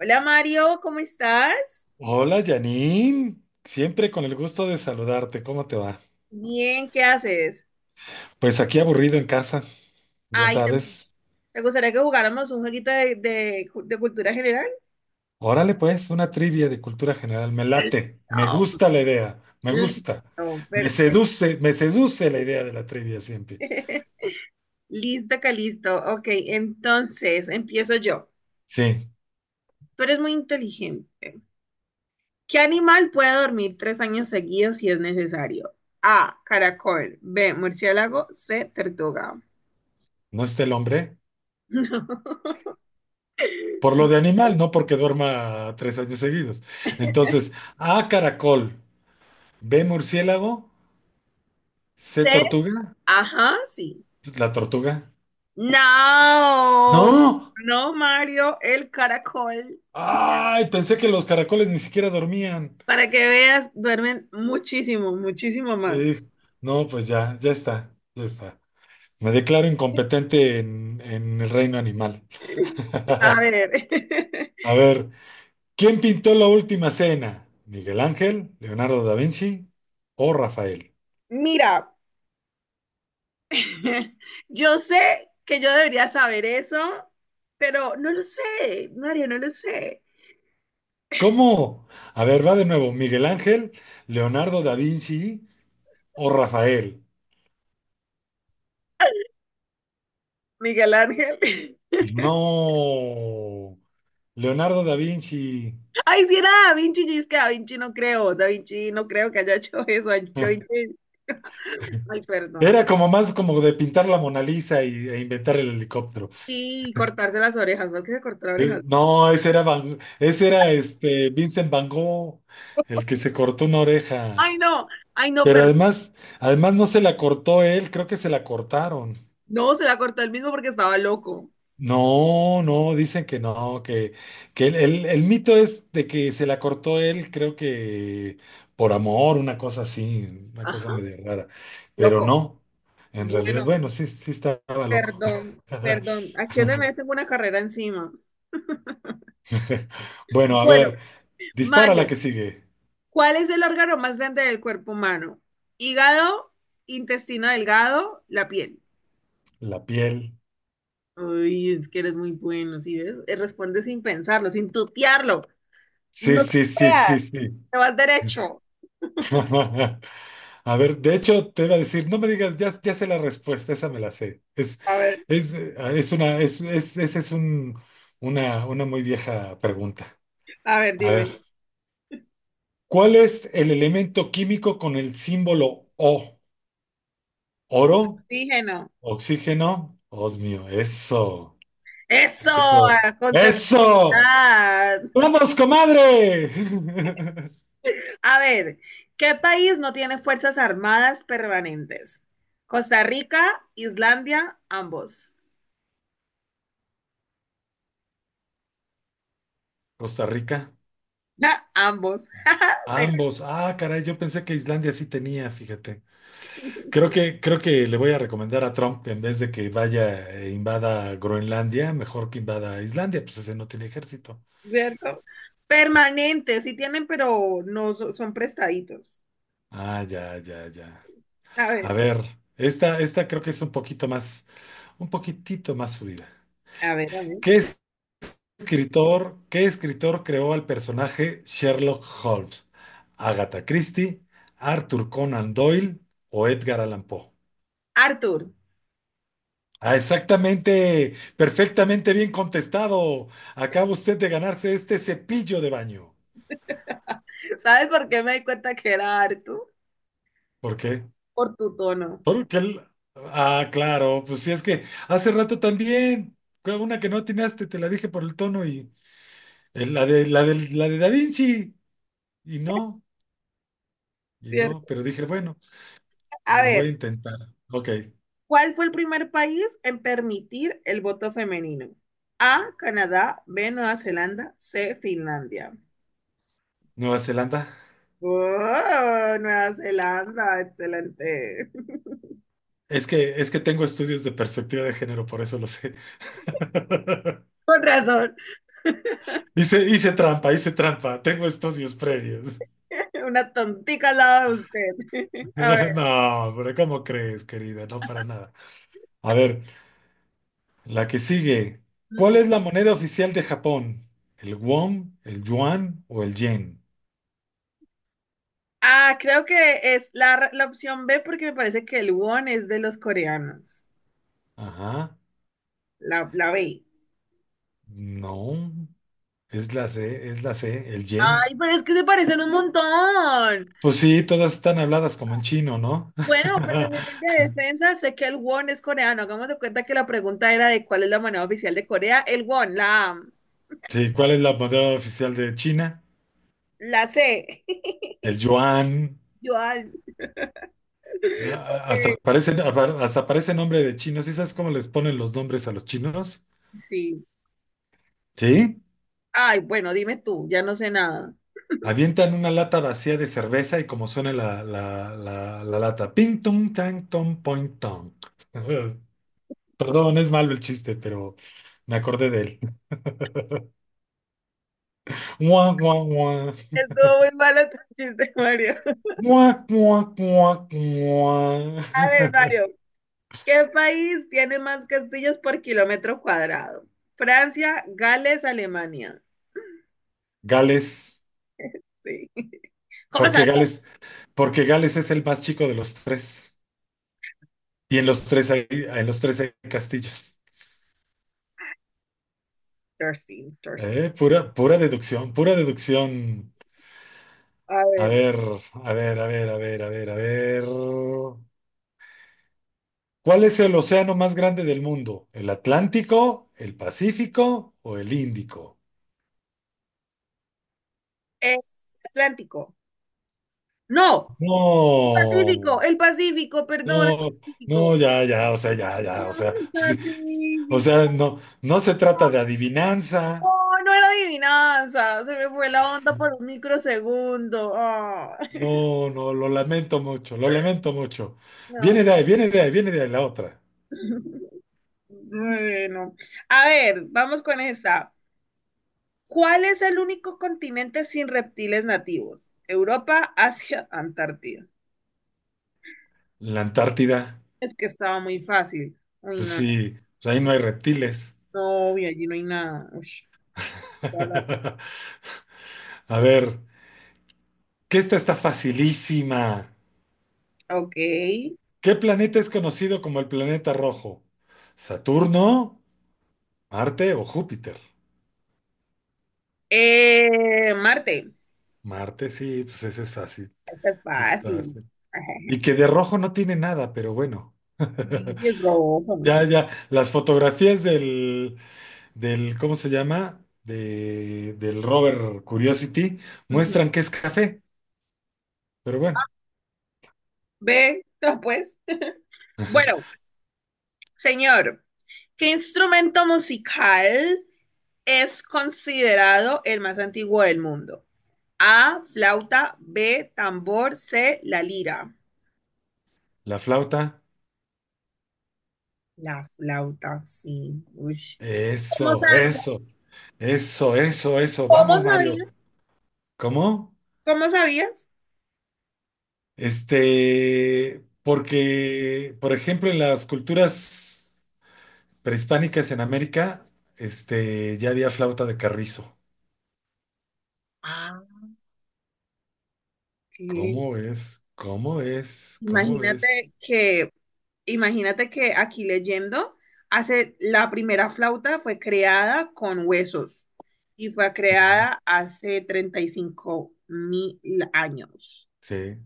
Hola Mario, ¿cómo estás? Hola Janine, siempre con el gusto de saludarte, ¿cómo te va? Bien, ¿qué haces? Pues aquí aburrido en casa, ya Ay, ¿te, sabes. te gustaría que jugáramos un jueguito de cultura general? Órale pues, una trivia de cultura general, me late, me Listo, gusta la idea, me gusta, listo, perfecto. Me seduce la idea de la trivia siempre. Listo, Calisto, listo. Ok, entonces empiezo yo. Sí, Tú eres muy inteligente. ¿Qué animal puede dormir tres años seguidos si es necesario? A, caracol. B, murciélago. C, tortuga. no está el hombre, No. por lo de animal, no porque duerma tres años seguidos. Entonces, A caracol, B murciélago, C C, tortuga, ajá, sí. la tortuga. No, No. no, Mario, el caracol. Ay, pensé que los caracoles ni siquiera dormían. Para que veas, duermen muchísimo, muchísimo más. Eh, no, pues ya, ya está, ya está. Me declaro incompetente en el reino animal. A ver. A ver, ¿quién pintó la última cena? ¿Miguel Ángel, Leonardo da Vinci o Rafael? Mira, yo sé que yo debería saber eso, pero no lo sé, Mario, no lo sé. ¿Cómo? A ver, va de nuevo. ¿Miguel Ángel, Leonardo da Vinci o Rafael? Miguel Ángel. No, Leonardo da Vinci. Ay, si era Da Vinci, yo es que Da Vinci no creo, Da Vinci no creo que haya hecho eso. Ay, Da Vinci, ay, perdón. Era como más como de pintar la Mona Lisa y, e inventar el helicóptero. Sí, cortarse las orejas, ¿por qué se cortó las orejas? No, ese era ese era este Vincent Van Gogh, el que se cortó una oreja. Ay, no, ay, no, Pero perdón. además, además no se la cortó él, creo que se la cortaron. No, se la cortó él mismo porque estaba loco. No, no, dicen que no, que el mito es de que se la cortó él, creo que por amor, una cosa así, una Ajá, cosa medio rara. Pero loco. no, en realidad, Bueno, bueno, sí, sí estaba loco. perdón, perdón. Aquí donde me hacen una carrera encima. Bueno, a Bueno, ver, dispara la Mario, que sigue. ¿cuál es el órgano más grande del cuerpo humano? Hígado, intestino delgado, la piel. La piel. Uy, es que eres muy bueno, ¿sí ves? Responde sin pensarlo, sin tutearlo. Sí, No te sí, sí, sí, veas, sí. te vas derecho. A ver, de hecho, te iba a decir, no me digas, ya, ya sé la respuesta, esa me la sé. A ver, Es una, es, esa es una muy vieja pregunta. a ver, A ver, dime. ¿cuál es el elemento químico con el símbolo O? ¿Oro? Oxígeno. ¿Oxígeno? Osmio, eso, Eso, eso, con eso. seguridad. ¡Vamos, comadre! A ver, ¿qué país no tiene fuerzas armadas permanentes? Costa Rica, Islandia, ambos. Costa Rica. Ja, ambos. Te- Ambos. Ah, caray, yo pensé que Islandia sí tenía, fíjate. Creo que le voy a recomendar a Trump que en vez de que vaya e invada Groenlandia, mejor que invada Islandia, pues ese no tiene ejército. ¿Cierto? Permanentes, sí tienen, pero no so- son prestaditos. Ah, ya, ya, ya. A A ver, ver, esta creo que es un poquito más, un poquitito más subida. a ver, a ver. ¿Qué qué escritor creó al personaje Sherlock Holmes? ¿Agatha Christie, Arthur Conan Doyle o Edgar Allan Poe? Arthur, Ah, exactamente, perfectamente bien contestado. Acaba usted de ganarse este cepillo de baño. ¿sabes por qué me di cuenta que era Arthur? ¿Por qué? Por tu tono, Porque el... Ah, claro, pues si es que hace rato también, fue una que no atinaste, te la dije por el tono y la de, la de, la de Da Vinci. Y no, y no, ¿cierto? pero dije, bueno, A lo voy a ver, intentar. Ok, ¿cuál fue el primer país en permitir el voto femenino? A, Canadá, B, Nueva Zelanda, C, Finlandia. Nueva Zelanda. Oh, Nueva Zelanda, excelente. Es que tengo estudios de perspectiva de género, por eso lo sé. Con razón, Hice, hice trampa, tengo estudios previos. una tontica al lado de usted. A ver. No, pero ¿cómo crees, querida? No, para nada. A ver, la que sigue. ¿Cuál mm. es la moneda oficial de Japón? ¿El won, el yuan o el yen? Ah, creo que es la opción B porque me parece que el won es de los coreanos. Ajá. La B. No, es la C, el yen. Ay, pero es que se parecen un montón. Pues sí, todas están habladas como en chino, ¿no? Bueno, pues en mi humilde defensa sé que el won es coreano. Hagamos de cuenta que la pregunta era de cuál es la moneda oficial de Corea. El won, la, A, Sí, ¿cuál es la moneda oficial de China? la C. El yuan. Yuan. Ah, Ok, hasta parece, hasta parece nombre de chino. ¿Sí sabes cómo les ponen los nombres a los chinos? sí. ¿Sí? Ay, bueno, dime tú, ya no sé nada. Avientan una lata vacía de cerveza y como suena la lata. Ping, tung, tang, tom, point, tong. Perdón, es malo el chiste, pero me acordé de él. Mua, mua, mua. Estuvo muy malo tu chiste, Mario. Mua, mua, mua, mua. A ver, Mario, ¿qué país tiene más castillos por kilómetro cuadrado? Francia, Gales, Alemania. Gales, Sí. ¿Cómo porque sabía? Gales, porque Gales es el más chico de los tres. Y en los tres hay, en los tres hay castillos. Thirsty, thirsty. Pura, pura deducción, pura deducción. A A ver, ver, a ver, a ver, a ver, a ver, a ver. ¿Cuál es el océano más grande del mundo? ¿El Atlántico, el Pacífico o el Índico? es Atlántico. No, No, el Pacífico, perdón, el no, no, Pacífico. ya, ya, o sea, ya, ya, No, o sea, el sí, o sea, Pacífico. no, no se trata de adivinanza. Oh, no era adivinanza, se me fue la onda por un microsegundo. Ah, No, no, lo lamento mucho, lo lamento mucho. Viene no. de ahí, viene de ahí, viene de ahí la otra. Bueno, a ver, vamos con esta. ¿Cuál es el único continente sin reptiles nativos? Europa, Asia, Antártida. La Antártida, Es que estaba muy fácil. Uy, pues no, sí, pues ahí no hay reptiles. no, y allí no hay nada. Ush, toda la razón. A ver, que esta está facilísima. Ok. ¿Qué planeta es conocido como el planeta rojo? ¿Saturno, Marte o Júpiter? Marte, Marte, sí, pues ese es fácil, esta es es fácil. fácil. Y que de rojo no tiene nada, pero bueno. Sí, sí, es rojo. Ya, ya, las fotografías del, ¿cómo se llama? Del rover Curiosity Ujú. muestran que es café, pero bueno, Ve, no, pues. Bueno, señor, ¿qué instrumento musical es considerado el más antiguo del mundo? A, flauta, B, tambor, C, la lira. la flauta, La flauta, sí. Ush. ¿Cómo eso, sabías? eso, eso, ¿Cómo vamos, Mario. sabías? ¿Cómo? ¿Cómo sabías? Este, porque, por ejemplo, en las culturas prehispánicas en América, este, ya había flauta de carrizo. Ah, qué. ¿Cómo es? ¿Cómo es? ¿Cómo es? Imagínate que, imagínate que aquí leyendo, hace, la primera flauta fue creada con huesos y fue No. creada hace 35.000 años. Sí,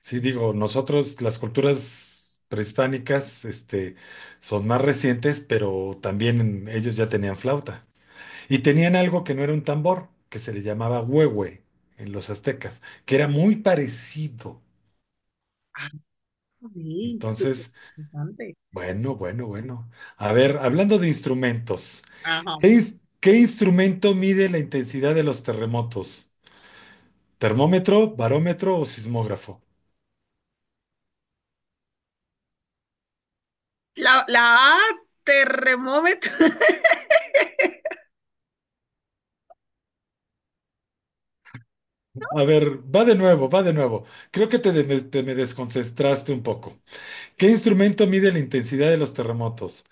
sí, digo, nosotros las culturas prehispánicas, este, son más recientes, pero también ellos ya tenían flauta. Y tenían algo que no era un tambor, que se le llamaba huehue en los aztecas, que era muy parecido. Ah, sí, súper Entonces, interesante. bueno, bueno, bueno. A ver, hablando de instrumentos, Ajá. ¿qué, qué instrumento mide la intensidad de los terremotos? ¿Termómetro, barómetro o sismógrafo? La A, terremómetro. A ver, va de nuevo, va de nuevo. Creo que te me desconcentraste un poco. ¿Qué instrumento mide la intensidad de los terremotos?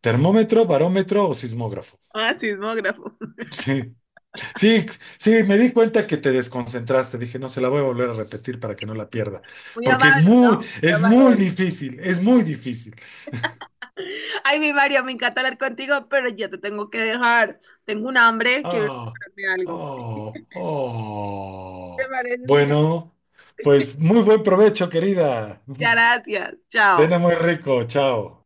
¿Termómetro, barómetro o sismógrafo? Sismógrafo. Sí, sí, sí, me di cuenta que te desconcentraste. Dije, no, se la voy a volver a repetir para que no la pierda, Muy porque amable, ¿no? Muy es amable, muy don Mario. difícil, es muy difícil. Ay, mi Mario, me encanta hablar contigo, pero ya te tengo que dejar. Tengo un hambre, quiero Ah, prepararme algo. oh, ¿Te oh. parece si la- Bueno, pues muy buen provecho, querida. Gracias, chao. Cena muy rico, chao.